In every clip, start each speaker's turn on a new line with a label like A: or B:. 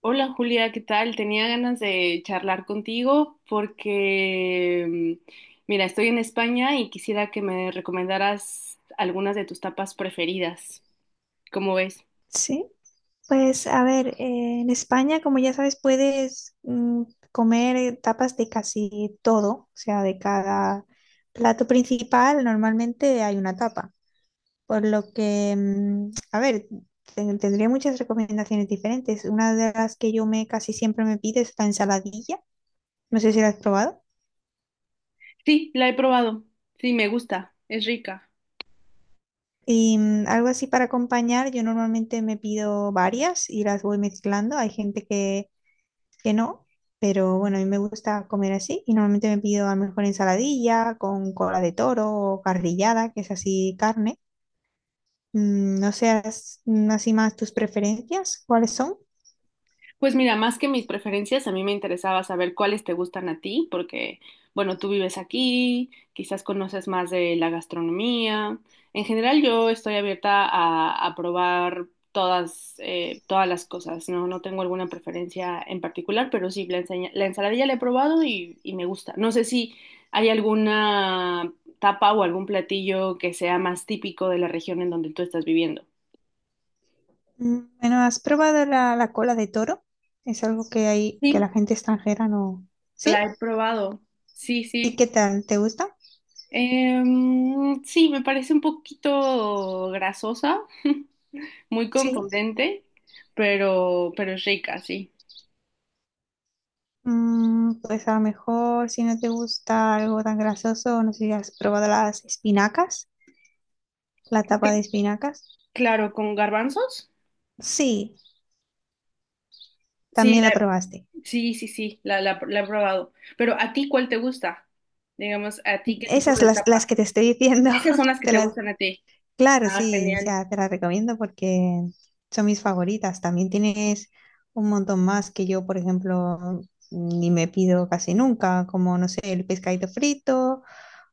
A: Hola Julia, ¿qué tal? Tenía ganas de charlar contigo porque, mm, mira, estoy en España y quisiera que me recomendaras algunas de tus tapas preferidas. ¿Cómo ves?
B: Sí, pues a ver, en España, como ya sabes, puedes comer tapas de casi todo, o sea, de cada plato principal normalmente hay una tapa, por lo que, a ver, tendría muchas recomendaciones diferentes. Una de las que yo me casi siempre me pido es la ensaladilla, no sé si la has probado.
A: Sí, la he probado. Sí, me gusta. Es rica.
B: Y algo así para acompañar, yo normalmente me pido varias y las voy mezclando. Hay gente que no, pero bueno, a mí me gusta comer así y normalmente me pido a lo mejor ensaladilla con cola de toro o carrillada, que es así carne. No seas así más tus preferencias, ¿cuáles son?
A: Pues mira, más que mis preferencias, a mí me interesaba saber cuáles te gustan a ti, porque, bueno, tú vives aquí, quizás conoces más de la gastronomía. En general, yo estoy abierta a probar todas, todas las cosas, ¿no? No tengo alguna preferencia en particular, pero sí, la ensaladilla la he probado y me gusta. No sé si hay alguna tapa o algún platillo que sea más típico de la región en donde tú estás viviendo.
B: Bueno, ¿has probado la cola de toro? Es algo que hay que
A: Sí,
B: la gente extranjera no. ¿Sí?
A: la he probado. Sí,
B: ¿Y
A: sí.
B: qué tal? ¿Te gusta?
A: Sí, me parece un poquito grasosa, muy
B: Sí.
A: contundente, pero es rica, sí.
B: Pues a lo mejor si no te gusta algo tan grasoso, no sé si has probado las espinacas, la tapa de espinacas.
A: Claro, con garbanzos.
B: Sí,
A: Sí,
B: también la
A: la,
B: probaste.
A: sí, sí, sí, la he probado. Pero ¿a ti cuál te gusta? Digamos, ¿a ti qué tipo
B: Esas
A: de
B: las
A: tapa?
B: que te estoy diciendo,
A: Esas son las que
B: te
A: te
B: las,
A: gustan a ti.
B: claro,
A: Ah,
B: sí, o
A: genial.
B: sea, te las recomiendo porque son mis favoritas. También tienes un montón más que yo, por ejemplo, ni me pido casi nunca, como, no sé, el pescadito frito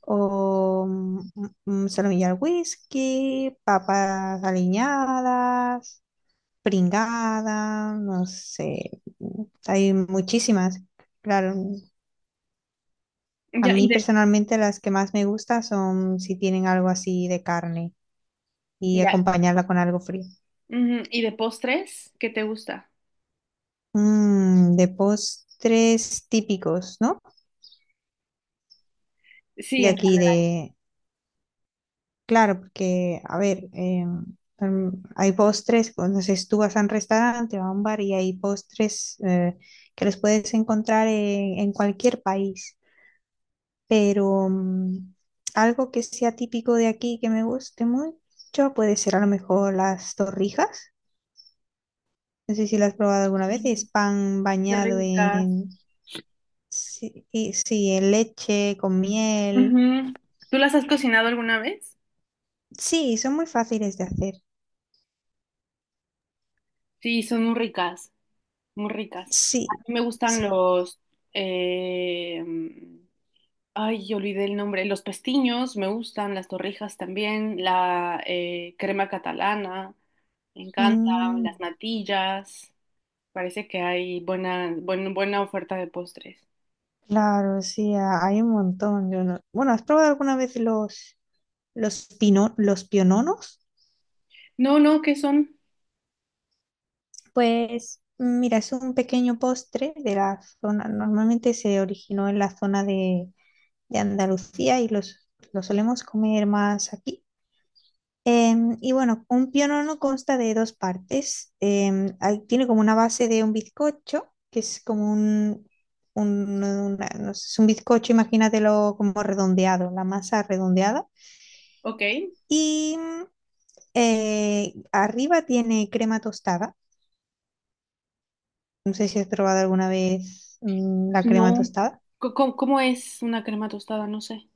B: o solomillo al whisky, papas aliñadas, pringada, no sé, hay muchísimas, claro, a
A: Ya, y
B: mí
A: de,
B: personalmente las que más me gustan son si tienen algo así de carne y
A: ya.
B: acompañarla con algo frío.
A: Ujú. ¿Y de postres? ¿Qué te gusta?
B: De postres típicos, ¿no?
A: Sí,
B: De
A: en
B: aquí, de... Claro, porque, a ver, mm, hay postres, entonces tú vas a un restaurante o a un bar y hay postres que los puedes encontrar en cualquier país, pero algo que sea típico de aquí que me guste mucho puede ser a lo mejor las torrijas. No sé si lo has probado alguna vez. Es
A: realidad.
B: pan
A: Qué
B: bañado
A: ricas.
B: en... Sí, sí, en leche, con miel.
A: Ujú. ¿Tú las has cocinado alguna vez?
B: Sí, son muy fáciles de hacer.
A: Sí, son muy ricas. Muy ricas. A
B: Sí,
A: mí me gustan
B: sí.
A: los... eh, yo olvidé el nombre. Los pestiños me gustan, las torrijas también, la crema catalana, me encanta,
B: Mm,
A: las natillas. Parece que hay buena oferta de postres.
B: claro, sí, a- hay un montón. Yo no- Bueno, ¿has probado alguna vez los piononos?
A: No, no, ¿qué son?
B: Pues mira, es un pequeño postre de la zona, normalmente se originó en la zona de Andalucía lo solemos comer más aquí. Y bueno, un pionono consta de dos partes. Hay- tiene como una base de un bizcocho, que es como un, no sé, es un bizcocho, imagínatelo como redondeado, la masa redondeada.
A: Ok.
B: Y arriba tiene crema tostada. No sé si has probado alguna vez la crema
A: No.
B: tostada.
A: ¿Cómo es una crema tostada? No sé.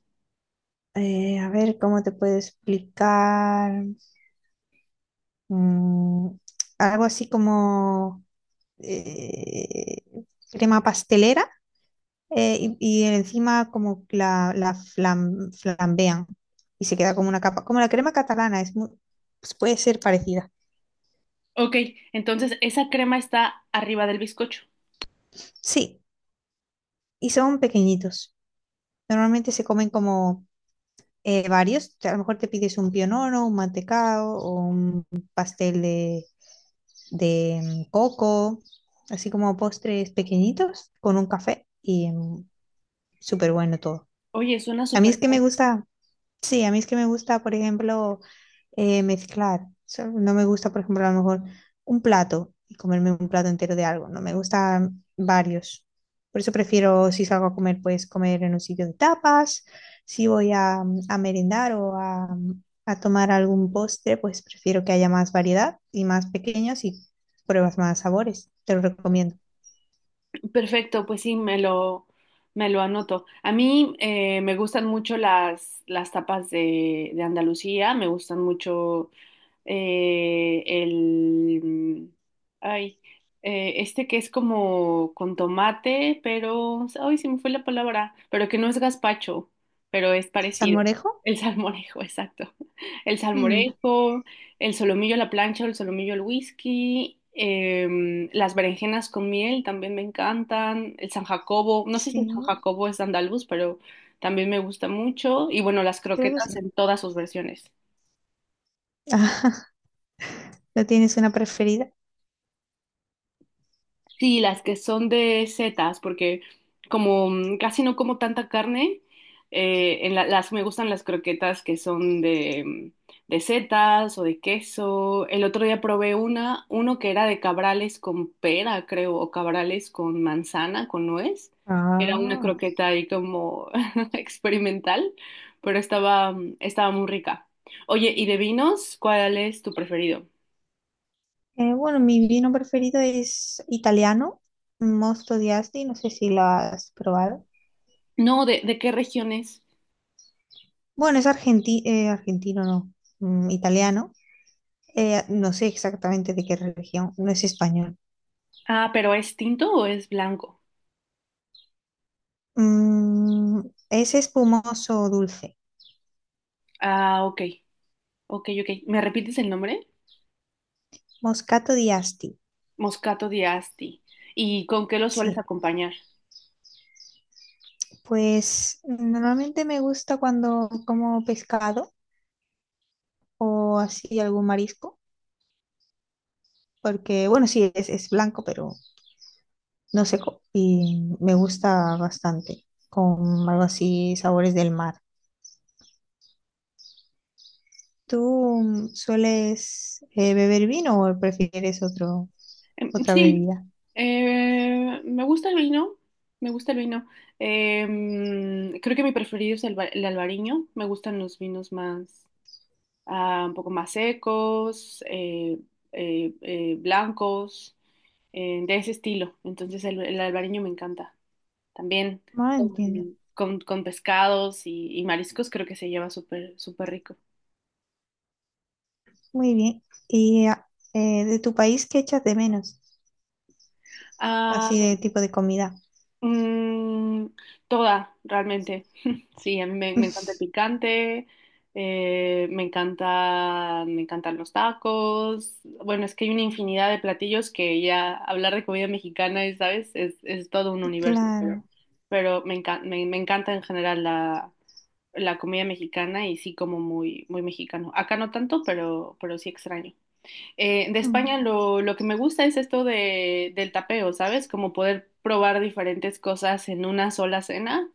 B: A ver cómo te puedo explicar. Mm, Algo así como eh, crema pastelera, y encima como la flambean y se queda como una capa, como la crema catalana, es muy, pues puede ser parecida.
A: Ok, entonces esa crema está arriba del bizcocho.
B: Sí, y son pequeñitos. Normalmente se comen como varios, te- a lo mejor te pides un pionono, un mantecado o un pastel de coco, así como postres pequeñitos con un café y súper bueno todo.
A: Oye, suena
B: A mí es
A: súper
B: que me
A: bien.
B: gusta. Sí, a mí es que me gusta, por ejemplo, mezclar. O sea, no me gusta, por ejemplo, a lo mejor un plato y comerme un plato entero de algo. No me gustan varios. Por eso prefiero, si salgo a comer, pues comer en un sitio de tapas. Si voy a merendar o a tomar algún postre, pues prefiero que haya más variedad y más pequeños y pruebas más sabores. Te lo recomiendo.
A: Perfecto, pues sí, me lo anoto. A mí me gustan mucho las tapas de Andalucía, me gustan mucho eh, el, ay, este que es como con tomate, pero, ay, se me fue la palabra, pero que no es gazpacho, pero es parecido.
B: ¿Salmorejo?
A: El salmorejo, exacto. El
B: Mm,
A: salmorejo, el solomillo a la plancha, el solomillo al whisky, las berenjenas con miel también me encantan, el San Jacobo, no sé si el San
B: sí,
A: Jacobo es andaluz, pero también me gusta mucho, y bueno, las
B: creo que sí.
A: croquetas en todas sus versiones.
B: ¿No tienes una preferida?
A: Sí, las que son de setas, porque como casi no como tanta carne, las me gustan las croquetas que son de setas o de queso. El otro día probé uno que era de cabrales con pera, creo, o cabrales con manzana, con nuez. Era una
B: Ah.
A: croqueta ahí como experimental, pero estaba, estaba muy rica. Oye, ¿y de vinos? ¿Cuál es tu preferido?
B: Bueno, mi vino preferido es italiano, Mosto di Asti, no sé si lo has probado.
A: No, de qué regiones?
B: Bueno, es argentino, no, italiano. No sé exactamente de qué religión, no es español.
A: Ah, pero ¿es tinto o es blanco?
B: Mm, es espumoso dulce,
A: Ah, ok, ok, ok. ¿Me repites el nombre?
B: Moscato di Asti,
A: Moscato di Asti. ¿Y con qué lo sueles
B: sí.
A: acompañar?
B: Pues normalmente me gusta cuando como pescado o así algún marisco, porque bueno, sí, es blanco, pero no sé, co- y me gusta bastante, con algo así, sabores del mar. ¿Tú sueles beber vino o prefieres otro, otra
A: Sí,
B: bebida?
A: me gusta el vino, me gusta el vino. Creo que mi preferido es el albariño. Me gustan los vinos más, ah, un poco más secos, blancos, de ese estilo. Entonces el albariño me encanta. También
B: Ah,
A: con,
B: entiendo.
A: con pescados y mariscos creo que se lleva súper, súper rico.
B: Muy bien. ¿Y de tu país qué echas de menos?
A: Ah,
B: Así de tipo de comida.
A: mm, toda, realmente. Sí, a mí me encanta el picante, me encanta, me encantan los tacos. Bueno, es que hay una infinidad de platillos que ya hablar de comida mexicana, y, ¿sabes? Es todo un universo, pero,
B: Claro,
A: me encanta en general la comida mexicana y sí como muy, muy mexicano. Acá no tanto, pero sí extraño. De
B: mm,
A: España lo que me gusta es esto del tapeo, ¿sabes? Como poder probar diferentes cosas en una sola cena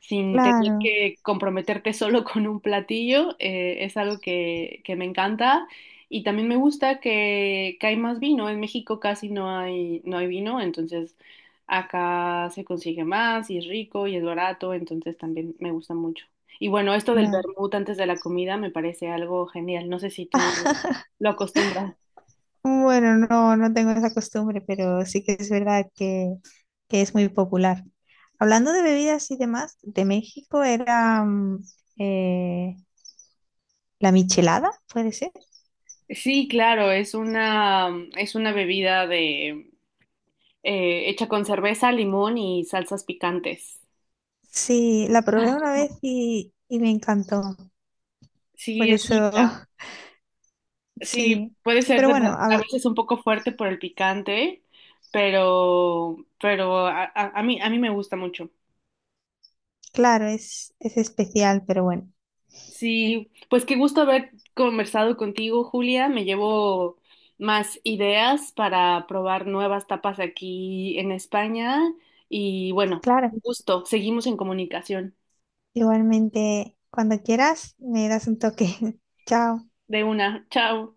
A: sin tener
B: claro,
A: que comprometerte solo con un platillo, es algo que me encanta. Y también me gusta que hay más vino. En México casi no hay, no hay vino, entonces acá se consigue más y es rico y es barato, entonces también me gusta mucho. Y bueno, esto del
B: claro.
A: vermut antes de la comida me parece algo genial. No sé si tú lo acostumbras.
B: Bueno, no, no tengo esa costumbre, pero sí que es verdad que es muy popular. Hablando de bebidas y demás, de México era eh, la michelada, ¿puede ser?
A: Sí, claro, es una bebida de, hecha con cerveza, limón y salsas picantes.
B: Sí, la probé una vez y me encantó. Por
A: Sí, es
B: eso,
A: rica. Sí,
B: sí.
A: puede ser
B: Pero
A: de-
B: bueno,
A: a veces un poco fuerte por el picante, pero a mí me gusta mucho.
B: claro, es especial, pero bueno,
A: Sí, pues qué gusto haber conversado contigo, Julia. Me llevo más ideas para probar nuevas tapas aquí en España. Y bueno,
B: claro.
A: un gusto. Seguimos en comunicación.
B: Igualmente, cuando quieras, me das un toque. Chao.
A: De una. Chao.